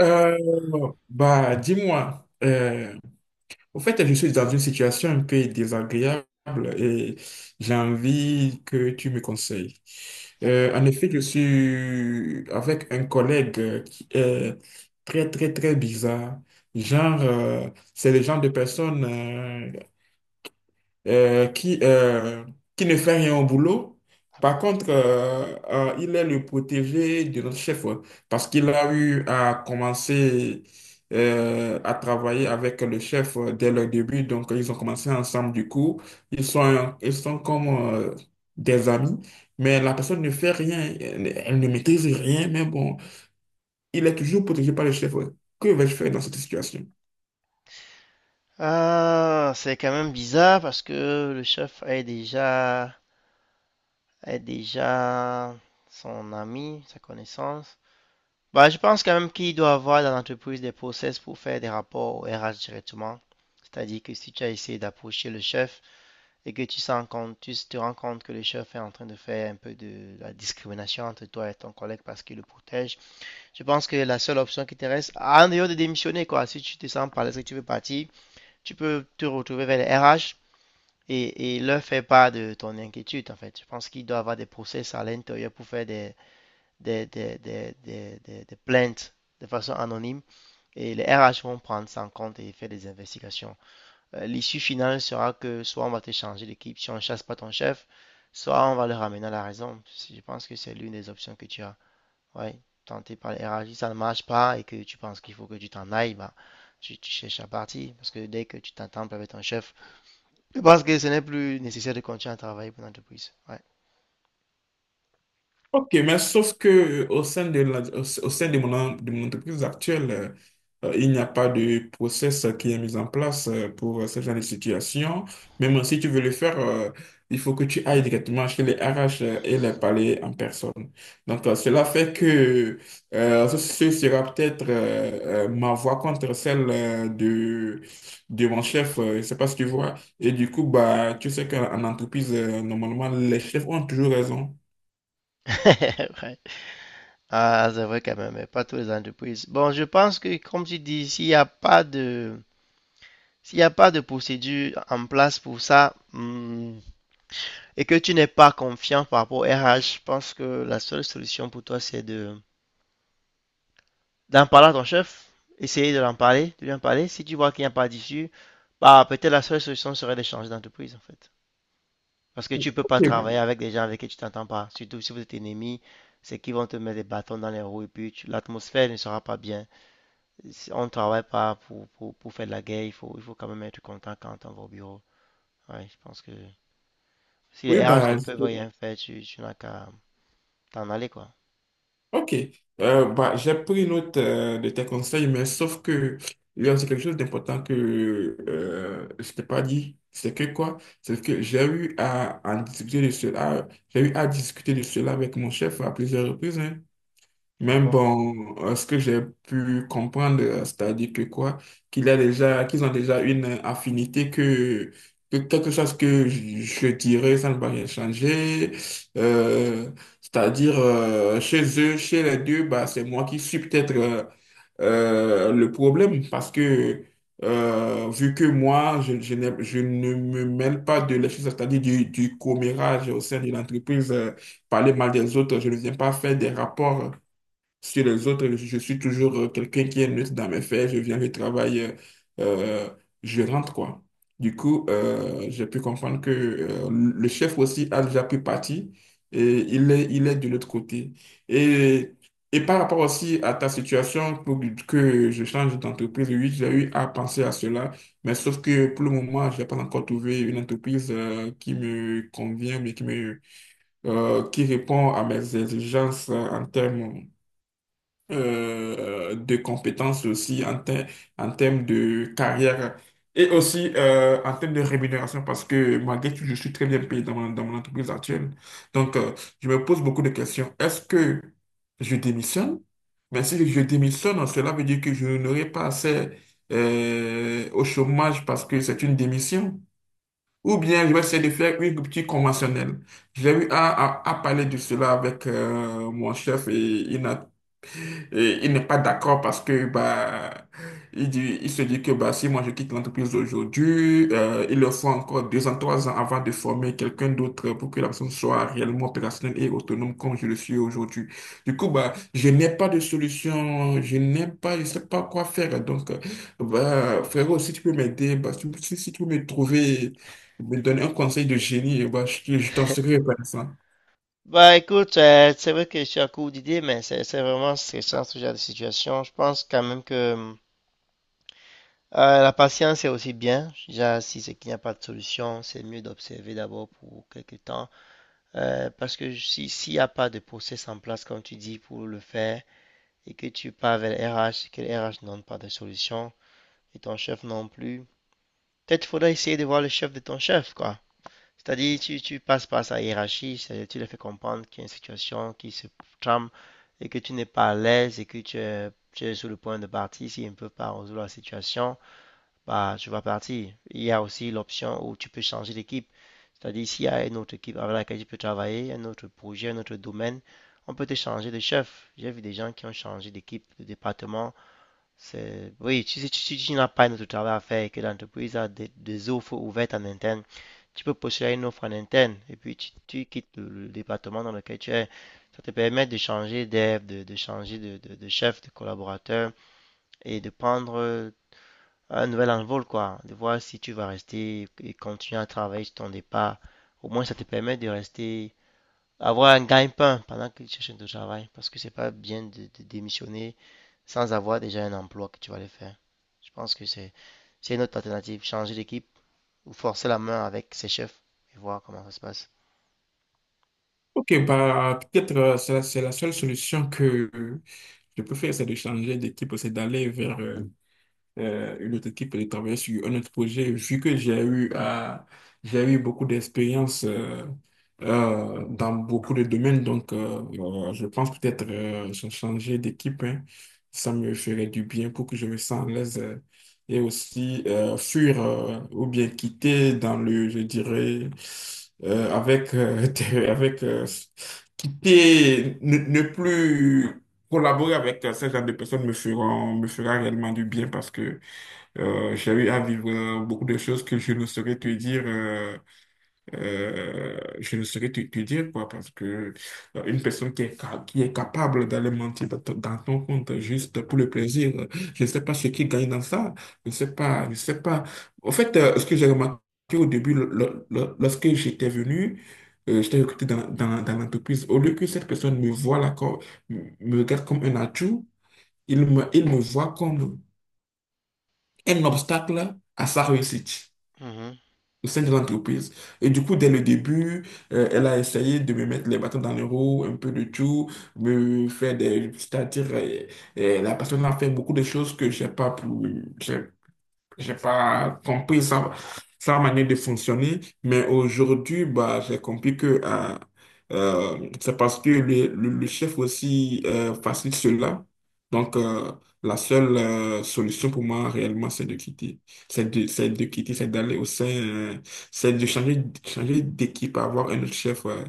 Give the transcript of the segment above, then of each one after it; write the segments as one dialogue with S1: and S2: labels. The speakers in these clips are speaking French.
S1: Euh, dis-moi, au fait, je suis dans une situation un peu désagréable et j'ai envie que tu me conseilles.
S2: D'accord,
S1: En effet, je suis avec un collègue qui est très, très, très bizarre. Genre, euh, c'est le genre de personne qui qui ne fait rien au boulot. Par
S2: d'accord.
S1: contre, il est le protégé de notre chef, ouais, parce qu'il a eu à commencer à travailler avec le chef dès le début. Donc, ils ont commencé ensemble, du coup. Ils sont comme euh, des amis, mais la personne ne fait rien. Elle ne maîtrise rien, mais bon, il est toujours protégé par le chef. Ouais. Que vais-je faire dans cette situation?
S2: Ah, c'est quand même bizarre parce que le chef est déjà son ami, sa connaissance. Bah, je pense quand même qu'il doit avoir dans l'entreprise des process pour faire des rapports au RH directement. C'est-à-dire que si tu as essayé d'approcher le chef et que tu sens compte, tu te rends compte que le chef est en train de faire un peu de la discrimination entre toi et ton collègue parce qu'il le protège, je pense que la seule option qui te reste, en dehors de démissionner, quoi, si tu te sens pas l'aise que tu veux partir, tu peux te retrouver vers les RH et leur faire part de ton inquiétude, en fait. Je pense qu'il doit y avoir des process à l'intérieur pour faire des plaintes de façon anonyme et les RH vont prendre ça en compte et faire des investigations. L'issue finale sera que soit on va te changer d'équipe si on ne chasse pas ton chef, soit on va le ramener à la raison. Si je pense que c'est l'une des options que tu as. Ouais, tenter par les RH, si ça ne marche pas et que tu penses qu'il faut que tu t'en ailles, bah, tu cherches à partir parce que dès que tu t'entends pas avec ton chef, je pense que ce n'est plus nécessaire de continuer à travailler pour l'entreprise. Ouais.
S1: Ok, mais sauf que au sein de de mon entreprise actuelle, il n'y a pas de process qui est mis en place pour ce genre de situation. Même si tu veux le faire, il faut que tu ailles directement chez les RH, et les parler en personne. Donc, cela fait que ce sera peut-être ma voix contre celle de mon chef. Je ne sais pas si tu vois. Et du coup, bah, tu sais qu'en en entreprise, normalement, les chefs ont toujours raison.
S2: Ouais. Ah, c'est vrai quand même, mais pas toutes les entreprises. Bon, je pense que, comme tu dis, s'il n'y a pas de, s'il n'y a pas de procédure en place pour ça, hmm, et que tu n'es pas confiant par rapport au RH, je pense que la seule solution pour toi, c'est de, d'en parler à ton chef, essayer de lui en parler. Si tu vois qu'il n'y a pas d'issue, bah, peut-être la seule solution serait d'échanger d'entreprise, en fait. Parce que tu peux pas travailler avec des gens avec qui tu t'entends pas. Surtout si vous êtes ennemis, c'est qu'ils vont te mettre des bâtons dans les roues et puis l'atmosphère ne sera pas bien. Si on ne travaille pas pour faire de la guerre, il faut quand même être content quand on va au bureau. Ouais, je pense que si
S1: Oui,
S2: les RH ne peuvent rien faire, tu n'as qu'à t'en aller, quoi.
S1: ok. J'ai pris note de tes conseils, mais sauf que il y a aussi quelque chose d'important que je t'ai pas dit. C'est que quoi? C'est que j'ai eu à discuter de cela avec mon chef à plusieurs reprises. Hein.
S2: Ah
S1: Mais
S2: bon.
S1: bon, ce que j'ai pu comprendre, c'est-à-dire que quoi, qu'ils ont déjà une affinité, que quelque chose que je dirais, ça ne va rien changer. Euh, c'est-à-dire, chez eux, chez les deux, bah, c'est moi qui suis peut-être le problème, parce que vu que moi, je ne me mêle pas de la chose, c'est-à-dire du commérage au sein de l'entreprise, parler mal des autres, je ne viens pas faire des rapports. Sur les autres, je suis toujours quelqu'un qui est neutre dans mes faits. Je viens du travail, euh, je rentre, quoi. Du coup, j'ai pu comprendre que le chef aussi a déjà pu partir et il est de l'autre côté. Et, et par rapport aussi à ta situation, pour que je change d'entreprise, oui, j'ai eu à penser à cela, mais sauf que pour le moment, je n'ai pas encore trouvé une entreprise qui me convient, mais qui répond à mes exigences en termes de compétences, aussi en termes de carrière et aussi en termes de rémunération, parce que malgré tout, je suis très bien payé dans dans mon entreprise actuelle. Donc, je me pose beaucoup de questions. Est-ce que je démissionne? Mais si je démissionne, cela veut dire que je n'aurai pas accès au chômage, parce que c'est une démission. Ou bien je vais essayer de faire une rupture conventionnelle. J'ai eu à- À parler de cela avec mon chef, et il n'est pas d'accord parce que bah il dit, il se dit que bah si moi je quitte l'entreprise aujourd'hui, il leur faut encore deux ans, trois ans avant de former quelqu'un d'autre pour que la personne soit réellement opérationnelle et autonome comme je le suis aujourd'hui. Du coup, bah, je n'ai pas de solution, je sais pas quoi faire. Donc, bah, frérot, si tu peux m'aider, si tu peux me donner un conseil de génie, bah je t'en serai reconnaissant.
S2: Bah écoute, c'est vrai que je suis à court d'idées, mais c'est vraiment stressant ce genre de situation. Je pense quand même que la patience est aussi bien. Déjà, si c'est qu'il n'y a pas de solution, c'est mieux d'observer d'abord pour quelques temps. Parce que si, s'il n'y a pas de process en place, comme tu dis, pour le faire, et que tu pars vers le RH, et que le RH n'ont pas de solution, et ton chef non plus, peut-être faudra essayer de voir le chef de ton chef, quoi. C'est-à-dire, tu passes par sa hiérarchie, c'est-à-dire tu lui fais comprendre qu'il y a une situation qui se trame, et que tu n'es pas à l'aise, et que tu es sur le point de partir s'ils ne peut pas résoudre la situation bah, tu vas partir. Il y a aussi l'option où tu peux changer d'équipe. C'est-à-dire, s'il y a une autre équipe avec laquelle tu peux travailler, un autre projet, un autre domaine, on peut te changer de chef. J'ai vu des gens qui ont changé d'équipe, de département. C'est... Oui, si tu n'as pas un autre travail à faire et que l'entreprise a des offres ouvertes en interne, tu peux postuler une offre en interne et puis tu quittes le département dans lequel tu es. Ça te permet de changer d'air, de changer de chef, de collaborateur et de prendre un nouvel envol, quoi, de voir si tu vas rester et continuer à travailler sur ton départ. Au moins, ça te permet de rester, avoir un gagne-pain pendant que tu cherches un travail, parce que c'est pas bien de démissionner sans avoir déjà un emploi que tu vas aller faire. Je pense que c'est une autre alternative, changer d'équipe ou forcer la main avec ses chefs et voir comment ça se passe.
S1: Ok, bah peut-être c'est la seule solution que je préfère, c'est de changer d'équipe, c'est d'aller vers une autre équipe et de travailler sur un autre projet, vu que j'ai eu beaucoup d'expérience dans beaucoup de domaines. Donc, je pense peut-être changer d'équipe, hein. Ça me ferait du bien pour que je me sente à l'aise, et aussi fuir, ou bien quitter dans le, je dirais, euh, avec, euh, avec quitter, ne plus collaborer avec ce genre de personnes me fera réellement du bien, parce que j'ai eu à vivre beaucoup de choses que je ne saurais te dire, je ne saurais te dire quoi, parce que une personne qui est capable d'aller mentir dans dans ton compte juste pour le plaisir, je ne sais pas ce qui gagne dans ça, je ne sais pas, je ne sais pas. En fait, ce que j'ai remarqué au début, lorsque j'étais venu, j'étais recruté dans l'entreprise, au lieu que cette personne me regarde comme un atout, il me voit comme un obstacle à sa réussite
S2: Mhm.
S1: au sein de l'entreprise. Et du coup, dès le début, elle a essayé de me mettre les bâtons dans les roues, un peu de tout, me faire des... C'est-à-dire, la personne a fait beaucoup de choses que j'ai pas pu... j'ai j'ai pas compris sa manière de fonctionner, mais aujourd'hui, bah, j'ai compris que c'est parce que le chef aussi facilite cela. Donc, la seule solution pour moi réellement, c'est de quitter. C'est de quitter, c'est d'aller au sein, c'est de changer d'équipe, avoir un autre chef,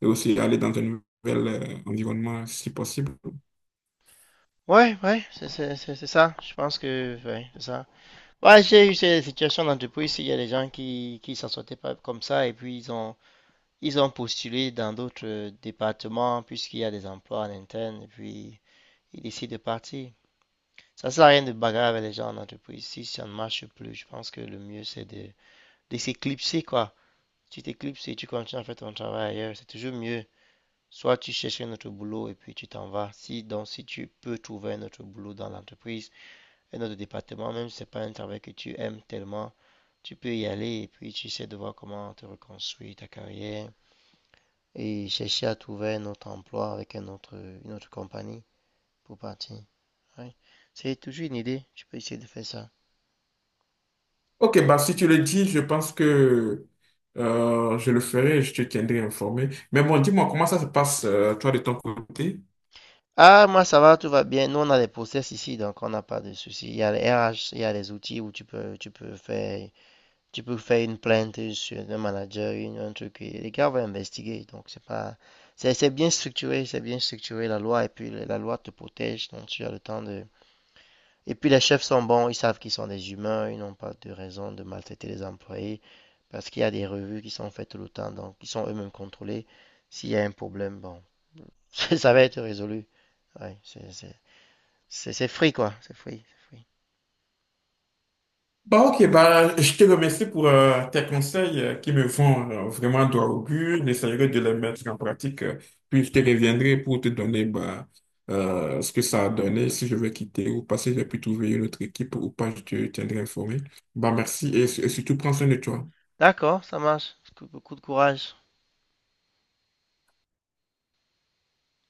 S1: et aussi aller dans un nouvel environnement si possible.
S2: Ouais, ouais, c'est ça. Je pense que, ouais, c'est ça. Ouais, j'ai eu ces situations d'entreprise, il y a des gens qui s'en sortaient pas comme ça et puis ils ont postulé dans d'autres départements puisqu'il y a des emplois en interne et puis ils décident de partir. Ça ne sert à rien de bagarrer avec les gens en entreprise. Si ça ne marche plus, je pense que le mieux c'est de s'éclipser quoi. Tu t'éclipses et tu continues à faire ton travail ailleurs. C'est toujours mieux. Soit tu cherches un autre boulot et puis tu t'en vas. Si, donc, si tu peux trouver un autre boulot dans l'entreprise, un autre département, même si ce n'est pas un travail que tu aimes tellement, tu peux y aller et puis tu essaies de voir comment te reconstruire ta carrière, et chercher à trouver un autre emploi avec un autre, une autre compagnie pour partir. Ouais. C'est toujours une idée. Tu peux essayer de faire ça.
S1: Ok, bah si tu le dis, je pense que je le ferai, et je te tiendrai informé. Mais bon, dis-moi, comment ça se passe, toi, de ton côté?
S2: Ah, moi, ça va, tout va bien. Nous, on a des process ici, donc on n'a pas de soucis. Il y a les RH, il y a les outils où tu peux faire, tu peux faire une plainte sur le manager, une, un truc. Et les gars vont investiguer, donc c'est pas, c'est bien structuré la loi, et puis la loi te protège, donc tu as le temps de. Et puis les chefs sont bons, ils savent qu'ils sont des humains, ils n'ont pas de raison de maltraiter les employés. Parce qu'il y a des revues qui sont faites tout le temps, donc qui sont eux-mêmes contrôlés. S'il y a un problème, bon, ça va être résolu. Ouais, c'est free, quoi. C'est free, free.
S1: Bah ok, bah je te remercie pour tes conseils qui me font vraiment droit au but. J'essaierai de les mettre en pratique, puis je te reviendrai pour te donner bah, ce que ça a donné, si je veux quitter ou pas, si j'ai pu trouver une autre équipe ou pas, je te tiendrai informé. Bah, merci, et surtout prends soin de toi.
S2: D'accord, ça marche. Beaucoup de courage.